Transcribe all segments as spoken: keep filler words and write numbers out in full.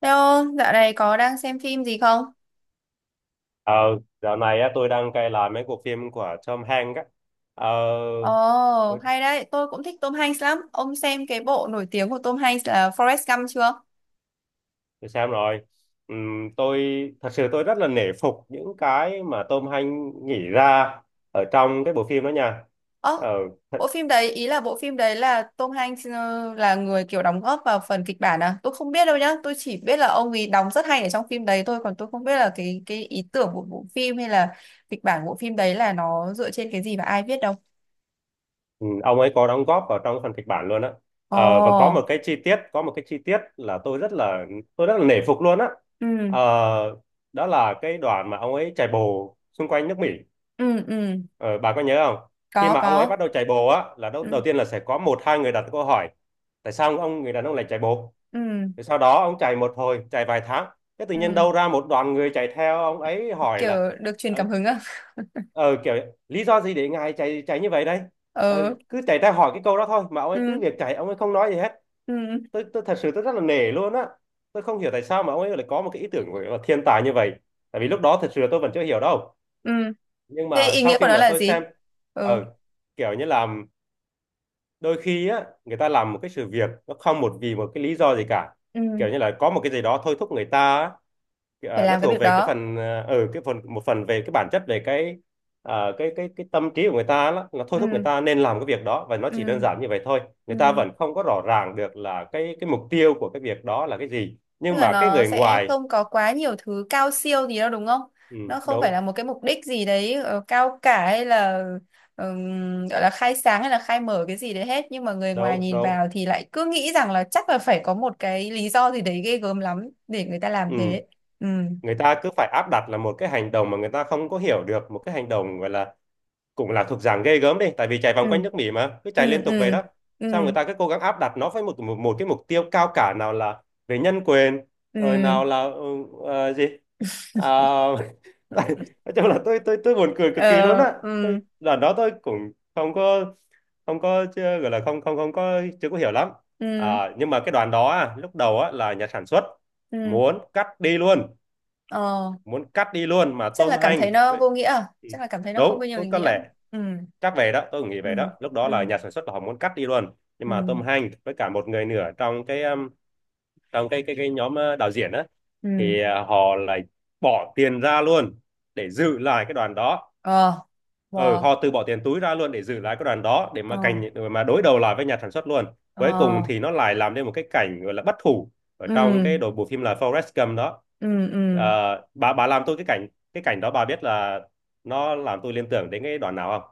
Theo dạo này có đang xem phim gì không? Ờ, Dạo này á, tôi đang cày lại mấy cuộc phim của Tom Hanks á. Ờ, Ồ, tôi, oh, hay đấy, tôi cũng thích Tom Hanks lắm. Ông xem cái bộ nổi tiếng của Tom Hanks là Forrest Gump chưa? tôi xem rồi. Ừm, tôi Thật sự tôi rất là nể phục những cái mà Tom Hanks nghĩ ra ở trong cái bộ phim đó nha. Ồ, Ờ, bộ thật, phim đấy, ý là bộ phim đấy là Tom Hanks ờ, là người kiểu đóng góp vào phần kịch bản à? Tôi không biết đâu nhá, tôi chỉ biết là ông ấy đóng rất hay ở trong phim đấy thôi, còn tôi không biết là cái cái ý tưởng của bộ phim hay là kịch bản của bộ phim đấy là nó dựa trên cái gì và ai viết đâu. ừm, ông ấy có đóng góp vào trong phần kịch bản luôn á. Ồ, Ờ, và có một oh, cái chi tiết, có một cái chi tiết là tôi rất là tôi rất là nể phục luôn á. ừ, Ờ, đó là cái đoạn mà ông ấy chạy bộ xung quanh nước Mỹ. ừ, ừ, Ờ, bà có nhớ không? Khi có, mà ông ấy có, bắt đầu chạy bộ á, là đầu, đầu ừ, tiên là sẽ có một hai người đặt câu hỏi tại sao ông người đàn ông lại chạy bộ? ừ, Rồi sau đó ông chạy một hồi, chạy vài tháng, cái tự nhiên ừ, đâu ra một đoàn người chạy theo ông ấy hỏi kiểu là được truyền ờ, cảm hứng à? ờ, kiểu lý do gì để ngài chạy chạy như vậy đây? Ờ, Ờ, cứ chạy ra hỏi cái câu đó thôi mà ông ấy ừ, cứ việc chạy ông ấy không nói gì hết. ừ, Tôi tôi thật sự tôi rất là nể luôn á. Tôi không hiểu tại sao mà ông ấy lại có một cái ý tưởng gọi là thiên tài như vậy. Tại vì lúc đó thật sự là tôi vẫn chưa hiểu đâu. ừ, Nhưng thế mà ý sau nghĩa khi của nó mà là tôi xem, gì? Ừ, ờ, kiểu như là đôi khi á người ta làm một cái sự việc nó không một vì một cái lý do gì cả, ừ, kiểu như là có một cái gì đó thôi thúc người ta á. phải Ờ, nó làm cái thuộc việc về cái đó. phần ở ừ cái phần, một phần về cái bản chất, về cái ờ, cái cái cái tâm trí của người ta đó, là thôi thúc người Ừ, ta nên làm cái việc đó, và nó chỉ đơn ừ, giản như vậy thôi. Người ta ừ, vẫn không có rõ ràng được là cái cái mục tiêu của cái việc đó là cái gì, tức nhưng là mà cái nó người sẽ ngoài, không có quá nhiều thứ cao siêu gì đâu đúng không? ừ, Nó không phải là đúng một cái mục đích gì đấy ờ, cao cả hay là ừm, gọi là khai sáng hay là khai mở cái gì đấy hết, nhưng mà người ngoài đúng nhìn đúng, vào thì lại cứ nghĩ rằng là chắc là phải có một cái lý do gì đấy ghê gớm lắm để người ta làm ừ, thế. Ừ, người ta cứ phải áp đặt là một cái hành động mà người ta không có hiểu được, một cái hành động gọi là cũng là thuộc dạng ghê gớm đi, tại vì chạy ừ, vòng quanh nước Mỹ mà cứ chạy liên ừ, tục vậy ừ, đó, xong người ừ, ta cứ cố gắng áp đặt nó với một một, một cái mục tiêu cao cả, nào là về nhân quyền, rồi ừ, nào là ừ, ờ, gì à, tại- nói chung là tôi tôi tôi buồn cười cực kỳ luôn ờ, á. ừ, Tôi lần đó tôi cũng không có không có chưa gọi là không không không có chưa có hiểu lắm. ừ, À, nhưng mà cái đoàn đó á, lúc đầu á, là nhà sản xuất ừ, muốn cắt đi luôn, ờ, muốn cắt đi luôn mà chắc là tôm cảm thấy hành nó với- vô nghĩa à? Chắc là cảm thấy nó không đúng, có nhiều có ý có nghĩa. lẽ. Ừ, Chắc về đó tôi cũng nghĩ ừ, về đó Lúc đó là ừ, nhà sản xuất là họ muốn cắt đi luôn, nhưng ừ, mà Tom Hanks với cả một người nữa trong cái um, trong cái cái cái nhóm, ờ, đạo diễn á, ừ, thì ờ, họ lại bỏ tiền ra luôn để giữ lại cái đoàn đó. ờ, Ừ, wow. họ từ bỏ tiền túi ra luôn để giữ lại cái đoàn đó, để Ờ, mà cảnh để mà đối đầu lại với nhà sản xuất luôn. ờ, Cuối cùng thì nó lại làm nên một cái cảnh gọi là bất hủ ở trong ừ, cái đội bộ phim là Forrest Gump đó. ừ, Ờ, ừ, bà bà làm tôi, cái cảnh cái cảnh đó bà biết là nó làm tôi liên tưởng đến cái đoạn nào không?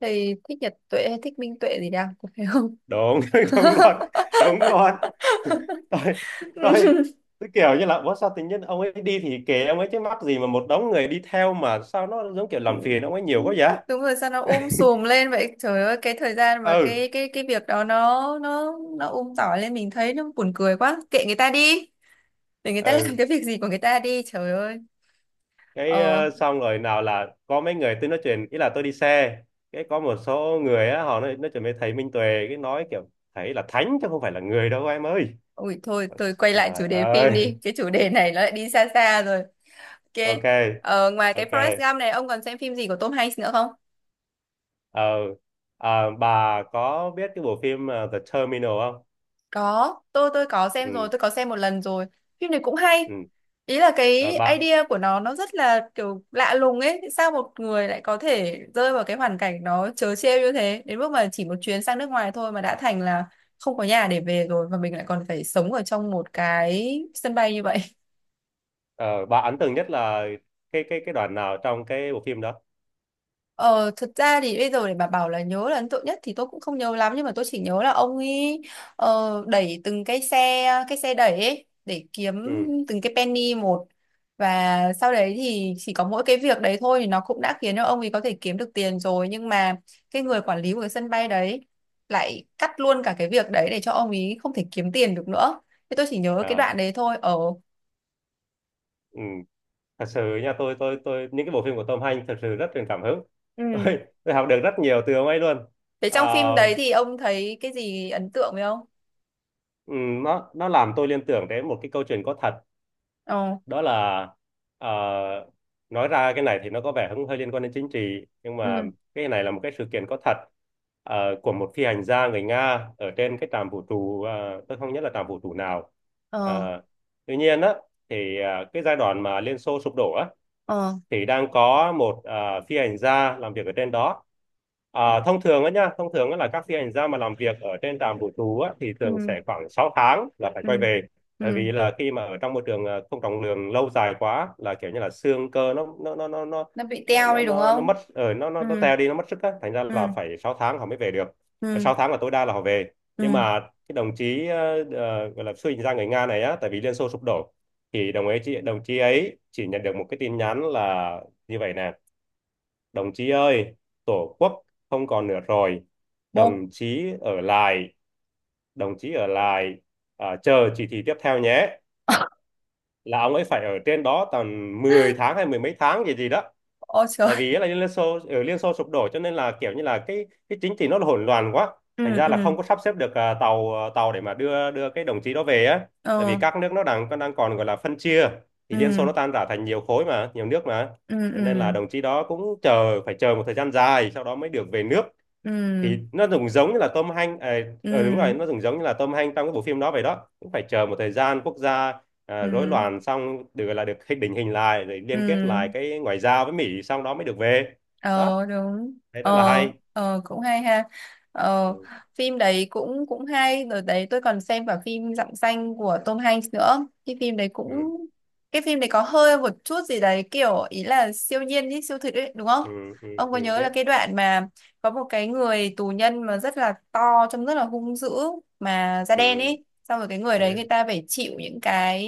thầy thích Nhật Tuệ hay thích Minh Tuệ gì đang có phải không? Đúng, đúng luôn, đúng luôn. Tôi tôi tôi kiểu như là ủa sao tự nhiên ông ấy đi thì kệ ông ấy chứ, mắc gì mà một đống người đi theo mà sao nó giống kiểu làm phiền ông ấy nhiều quá vậy. Đúng rồi, sao nó um sùm lên vậy trời ơi, cái thời gian và ừ cái cái cái việc đó nó nó nó um tỏi lên, mình thấy nó buồn cười quá, kệ người ta đi, để người ta ừ. làm cái việc gì của người ta đi trời ơi. Cái ờ. Ờ, xong rồi nào là có mấy người tôi nói chuyện, ý là tôi đi xe, cái có một số người á họ nói nói chuyện với thầy Minh Tuệ, cái nói kiểu thầy là thánh chứ không phải là người đâu em ơi. Ui thôi, tôi quay lại Trời chủ đề phim ơi. đi, cái chủ đề này nó lại đi xa xa rồi. Ok. Ok. Ờ, ngoài cái Ok. Forrest Gump này, ông còn xem phim gì của Tom Hanks nữa không? ờ Ờ, bà có biết cái bộ phim, ờ, The Terminal không? Có, tôi tôi có xem Ừ. rồi, tôi có xem một lần rồi. Phim này cũng hay. Ừ, Ý là rồi cái bà, idea của nó Nó rất là kiểu lạ lùng ấy. Sao một người lại có thể rơi vào cái hoàn cảnh nó trớ trêu như thế, đến mức mà chỉ một chuyến sang nước ngoài thôi mà đã thành là không có nhà để về rồi, và mình lại còn phải sống ở trong một cái sân bay như vậy. ờ, bà ấn tượng nhất là cái cái cái đoạn nào trong cái bộ phim đó? Ờ, thực ra thì bây giờ để bà bảo là nhớ là ấn tượng nhất thì tôi cũng không nhớ lắm, nhưng mà tôi chỉ nhớ là ông ấy ờ, đẩy từng cái xe cái xe đẩy ấy để kiếm Ừ. từng cái penny một, và sau đấy thì chỉ có mỗi cái việc đấy thôi thì nó cũng đã khiến cho ông ấy có thể kiếm được tiền rồi, nhưng mà cái người quản lý của cái sân bay đấy lại cắt luôn cả cái việc đấy để cho ông ấy không thể kiếm tiền được nữa. Thế tôi chỉ nhớ cái À. đoạn đấy thôi. Ờ, Ừ, thật sự nha, tôi tôi tôi những cái bộ phim của Tom Hanks thật sự rất truyền cảm hứng. ừ, tôi tôi học được rất nhiều từ ông ấy luôn. thế À, trong phim đấy thì ông thấy cái gì ấn tượng với ông? ừ, nó nó làm tôi liên tưởng đến một cái câu chuyện có thật. Ờ. Đó là, ờ, nói ra cái này thì nó có vẻ cũng hơi liên quan đến chính trị, nhưng mà Ừ. cái này là một cái sự kiện có thật, ờ, của một phi hành gia người Nga ở trên cái trạm vũ trụ. Ờ, tôi không nhớ là trạm vũ trụ nào. Ờ. Ờ, tuy nhiên á, thì ờ, cái giai đoạn mà Liên Xô sụp đổ á, Ờ, thì đang có một, ờ, phi hành gia làm việc ở trên đó. Ờ, thông thường á nhá, thông thường á là các phi hành gia mà làm việc ở trên trạm vũ trụ á, thì thường ừ, sẽ khoảng sáu tháng là phải quay ừ, về. Tại ừ, vì là khi mà ở trong môi trường, ờ, không trọng lượng lâu dài quá là kiểu như là xương cơ nó nó nó nó nó nó bị nó teo nó, đi đúng nó nó không? mất ở nó nó Ừ, nó teo đi, nó mất sức á, thành ra là ừ, phải sáu tháng họ mới về được. Ờ, ừ, sáu tháng là tối đa là họ về. Nhưng ừ, mà cái đồng chí, ờ, ờ, gọi là phi hành gia người Nga này á, tại vì Liên Xô sụp đổ, thì đồng ấy chị đồng chí ấy chỉ nhận được một cái tin nhắn là như vậy nè: đồng chí ơi, tổ quốc không còn nữa rồi, bố. đồng chí ở lại đồng chí ở lại, à, chờ chỉ thị tiếp theo nhé. Là ông ấy phải ở trên đó tầm mười tháng hay mười mấy tháng gì gì đó. Ôi Tại trời. vì là Liên Xô ở Liên Xô sụp đổ, cho nên là kiểu như là cái cái chính trị nó là hỗn loạn quá, thành Ừ, ra là ừ, không có sắp xếp được, à, tàu, à, tàu để mà đưa đưa cái đồng chí đó về á. Tại vì ờ, các nước nó đang đang còn gọi là phân chia, thì ừ, Liên Xô nó tan rã thành nhiều khối mà, nhiều nước mà, ừ, cho nên là ừ, đồng chí đó cũng chờ phải chờ một thời gian dài sau đó mới được về nước. Thì ừ, nó cũng giống như là Tom Hanks, à, ờ, đúng rồi, ừ, nó cũng giống như là Tom Hanks trong cái bộ phim đó vậy đó, cũng phải chờ một thời gian quốc gia, ừ, à, rối loạn xong được gọi là được hình định hình lại rồi ừ, liên kết lại cái ngoại giao với Mỹ xong đó mới được về. ờ, Đó, đúng, thấy rất là ờ, hay. ờ, cũng hay ha. Ờ, ừ, phim đấy cũng cũng hay rồi đấy. Tôi còn xem cả phim Dặm Xanh của Tom Hanks nữa, cái phim đấy ừ, cũng cái phim đấy có hơi một chút gì đấy kiểu ý là siêu nhiên ý, siêu thực ấy đúng không? ừ, ừ, Ông có ừ, nhớ là biết cái đoạn mà có một cái người tù nhân mà rất là to, trông rất là hung dữ, mà da đen ừ, ấy, xong rồi cái người đấy Biết. người ta phải chịu những cái,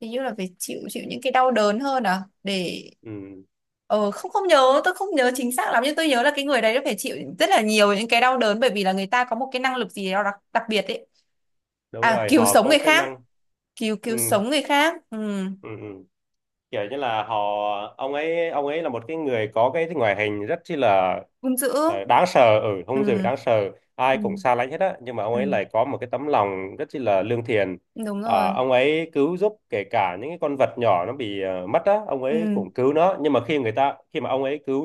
hình như là phải chịu chịu những cái đau đớn hơn à, để… Ừ, Ờ, không, không nhớ, tôi không nhớ chính xác lắm, nhưng tôi nhớ là cái người đấy đã phải chịu rất là nhiều những cái đau đớn, bởi vì là người ta có một cái năng lực gì đó đặc, đặc biệt ấy. đúng À, rồi cứu họ sống có người cái khác, năng. cứu ừ, cứu sống người khác. Ừ. ừ, ừ. Kiểu như là họ, ông ấy ông ấy là một cái người có cái ngoại hình rất chi là, Hung dữ. ờ, đáng sợ ở hung dữ, Ừ. đáng sợ, ai cũng Ừ. xa lánh hết á, nhưng mà ông Ừ. ấy lại có một cái tấm lòng rất chi là lương thiện. Đúng Ờ, rồi. ông ấy cứu giúp kể cả những cái con vật nhỏ nó bị, ờ, mất á, ông ấy Ừ. cũng cứu nó. Nhưng mà khi người ta khi mà ông ấy cứu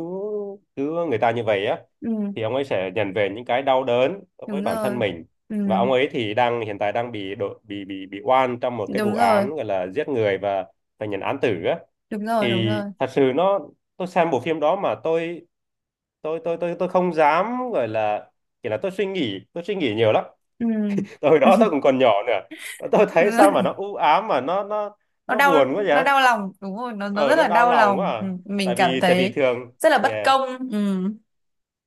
cứu người ta như vậy á, Ừ. thì ông ấy sẽ nhận về những cái đau đớn với Đúng bản rồi. thân mình. Ừ. Và ông ấy thì đang hiện tại đang bị độ, bị bị bị oan trong một cái vụ Đúng rồi. án gọi là giết người, và phải nhận án tử á. Đúng rồi. Đúng Thì rồi. thật sự nó, tôi xem bộ phim đó mà tôi tôi tôi tôi tôi không dám gọi là, kiểu là tôi suy nghĩ tôi suy nghĩ nhiều lắm. Ừ. Hồi đó tôi cũng còn nhỏ nữa. Tôi thấy Đúng rồi. sao mà nó u ám mà nó nó Nó nó đau. buồn quá Nó vậy. đau lòng, đúng rồi, nó nó Ờ, rất nó là đau đau lòng quá lòng. à. Ừ, mình tại cảm vì tại vì thấy thường, rất là bất yeah, công. Ừ.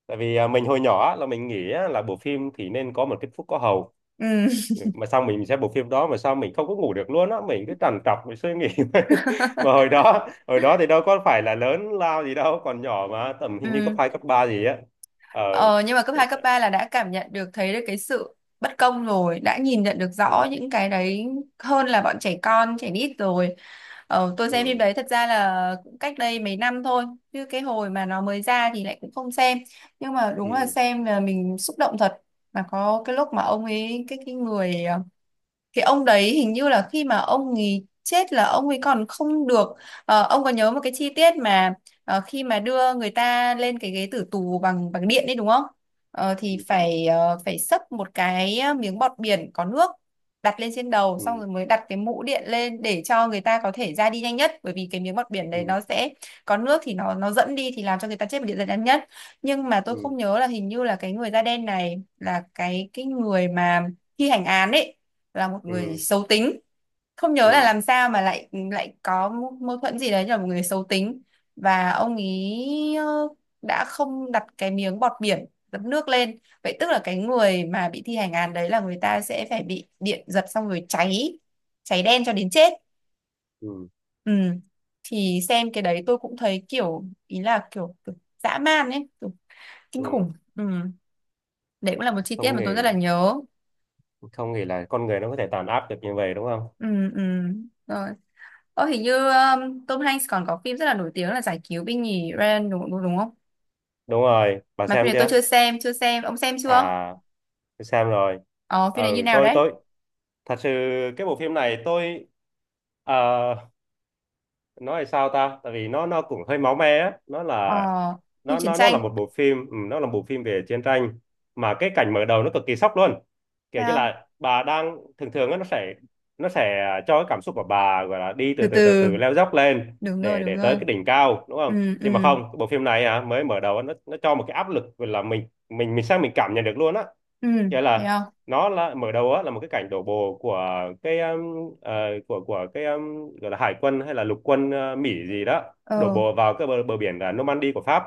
tại vì à, mình hồi nhỏ á, là mình nghĩ á, là bộ phim thì nên có một kết thúc có hậu. Ừ. Ừ, mà sao mình xem bộ phim đó mà sao mình không có ngủ được luôn á, mình cứ trằn trọc mình suy nghĩ. Mà hồi đó hồi đó thì đâu có phải là lớn lao gì đâu, còn nhỏ mà tầm hình như cấp Ừ. hai cấp ba gì á. Ờ, Ờ, nhưng mà cấp cái hai cấp sợ- ba là đã cảm nhận được, thấy được cái sự bất công rồi, đã nhìn nhận được rõ ừ, những cái đấy hơn là bọn trẻ con, trẻ nít rồi. Ờ, tôi xem phim ừ, đấy thật ra là cũng cách đây mấy năm thôi, chứ cái hồi mà nó mới ra thì lại cũng không xem. Nhưng mà đúng là ừ, xem là mình xúc động thật. Mà có cái lúc mà ông ấy, cái cái người ờ, cái ông đấy, hình như là khi mà ông ấy chết là ông ấy còn không được… Ờ, ông có nhớ một cái chi tiết mà ờ, khi mà đưa người ta lên cái ghế tử tù bằng bằng điện đấy đúng không? Ờ, thì phải, ờ, phải xấp một cái miếng bọt biển có nước đặt lên trên đầu, xong ừ, rồi mới đặt cái mũ điện lên để cho người ta có thể ra đi nhanh nhất, bởi vì cái miếng bọt biển đấy ừ, nó sẽ có nước thì nó nó dẫn đi thì làm cho người ta chết một điện nhanh nhất. Nhưng mà tôi ừ, không nhớ là, hình như là cái người da đen này là cái cái người mà thi hành án ấy là một người ừ, xấu tính. Không ừ, nhớ là ừ, làm sao mà lại lại có mâu mâu thuẫn gì đấy, như là một người xấu tính, và ông ý ờ, đã không đặt cái miếng bọt biển dập nước lên. Vậy tức là cái người mà bị thi hành án đấy là người ta sẽ phải bị điện giật xong rồi cháy, cháy đen cho đến chết. ừ, Ừ. Thì xem cái đấy tôi cũng thấy kiểu ý là kiểu, kiểu dã man ấy, kiểu kinh ừ. khủng. Ừ. Đấy cũng là một chi tiết Không mà tôi rất nghĩ, là nhớ. không nghĩ là con người nó có thể tàn áp được như vậy, đúng không? Ừ, ừ. Rồi. Ờ, hình như um, Tom Hanks còn có phim rất là nổi tiếng là Giải Cứu Binh Nhì Ryan đúng, đúng, đúng không? Đúng rồi, bà Mà phim xem này tôi chưa? chưa xem, chưa xem. Ông xem chưa? À, tôi xem rồi. Ờ, Ừ, phim này như nào tôi đấy? tôi thật sự cái bộ phim này tôi ờ, nói là sao ta, tại vì nó nó cũng hơi máu me á, nó Ờ, là phim nó chiến nó nó là tranh. một bộ phim, ừ, nó là một bộ phim về chiến tranh. Mà cái cảnh mở đầu nó cực kỳ sốc luôn. Kiểu như Sao? là bà đang thường thường á, nó sẽ, nó sẽ cho cái cảm xúc của bà gọi là đi Từ từ từ từ từ. từ leo dốc lên Đúng rồi, để đúng để tới rồi. cái đỉnh cao, đúng không? Ừ, ừ, Nhưng mà không, cái bộ phim này à, mới mở đầu á, nó nó cho một cái áp lực gọi là mình mình mình sao mình cảm nhận được luôn á, ừ. nghĩa Thấy là không? nó là mở đầu á là một cái cảnh đổ bộ của cái um, ờ, của của cái um, gọi là hải quân hay là lục quân, ờ, Mỹ gì đó đổ Ờ, bộ vào cái bờ, bờ biển là Normandy của Pháp.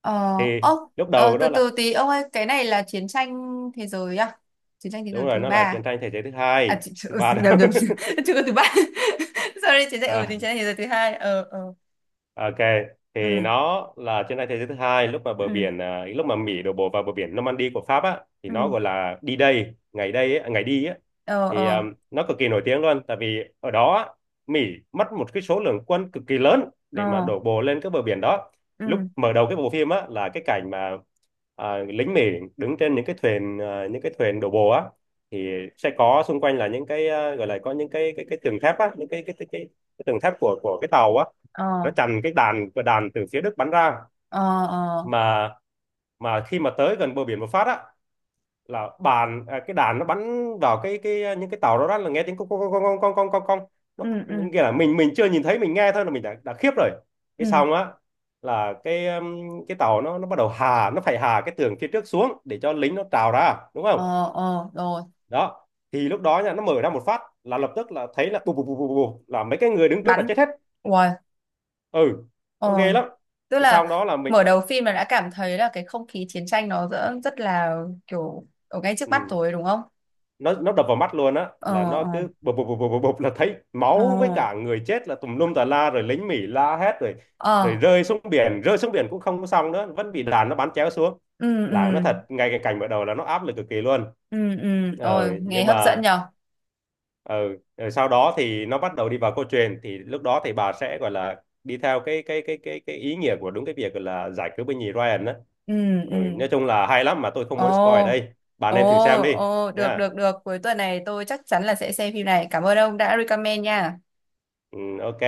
ờ, Thì ốc. lúc Ờ, đầu từ đó là, từ tí. Ông ơi, cái này là chiến tranh thế giới à? Chiến tranh thế đúng giới rồi, thứ nó ba là chiến à? tranh thế giới thứ À, hai chị, chị, thứ ừ, ba đó. nhầm nhầm chưa, chưa có thứ ba. Sorry chiến tranh, ừ, chiến tranh thế giới thứ hai. Ờ, ờ, Ok, thì ừ, nó là chiến tranh thế giới thứ hai, lúc mà bờ ừ, biển à, lúc mà Mỹ đổ bộ vào bờ biển Normandy của Pháp á thì nó ừ, gọi là đi đây, ngày đây á, ngày đi á. ờ, Thì à, ờ, nó cực kỳ nổi tiếng luôn, tại vì ở đó á, Mỹ mất một cái số lượng quân cực kỳ lớn ờ, để mà đổ bộ lên cái bờ biển đó. Lúc ừ, mở đầu cái bộ phim á là cái cảnh mà à, lính Mỹ đứng trên những cái thuyền à, những cái thuyền đổ bộ á, thì sẽ có xung quanh là những cái à, gọi là có những cái cái cái tường thép á, những cái cái cái, cái, cái tường thép của của cái tàu á, nó ờ, chặn cái đạn của đạn từ phía Đức bắn ra. ờ, ờ, mà mà khi mà tới gần bờ biển một phát á là bàn à, cái đạn nó bắn vào cái cái những cái tàu đó, đó là nghe tiếng con con con con con con con con nó ừ, nó ừ, nghĩa là mình mình chưa nhìn thấy mình nghe thôi là mình đã đã khiếp rồi. Cái ừ, xong á là cái um, cái tàu nó nó bắt đầu hà, nó phải hà cái tường phía trước xuống để cho lính nó trào ra, đúng không? ờ, ờ, rồi, Đó, thì lúc đó nha nó mở ra một phát là lập tức là thấy là bù bù bù bù bù là mấy cái người đứng trước là bắn. chết hết. Uầy, Ừ, nó ờ, ghê lắm. tức Cái xong là đó là mình, mở đầu phim là đã cảm thấy là cái không khí chiến tranh nó rất, rất là kiểu ở ngay trước mắt ừ, rồi đúng không? nó nó đập vào mắt luôn á là Ờ, nó ờ, cứ bụp bụp bụp bụp bụp là thấy ờ, máu với cả người chết là tùm lum tà la, rồi lính Mỹ la hét, rồi rồi ờ, rơi xuống biển, rơi xuống biển cũng không có xong nữa, vẫn bị đàn nó bắn chéo xuống, ừ, ừ, là nó thật, ngay cái cảnh mở đầu là nó áp lực cực kỳ luôn. ừ, ừ, Ờ, ôi nghe nhưng hấp dẫn mà nhở. ờ, rồi sau đó thì nó bắt đầu đi vào câu chuyện, thì lúc đó thì bà sẽ gọi là đi theo cái cái cái cái cái ý nghĩa của đúng cái việc gọi là giải cứu binh nhì Ryan đó. Ừ, Ừ, ừ, nói chung là hay lắm, mà tôi không ồ, muốn spoil ở đây, bà ồ, nên thử xem đi ồ, được, nha. được, được, cuối tuần này tôi chắc chắn là sẽ xem phim này. Cảm ơn ông đã recommend nha. Ừ, ok.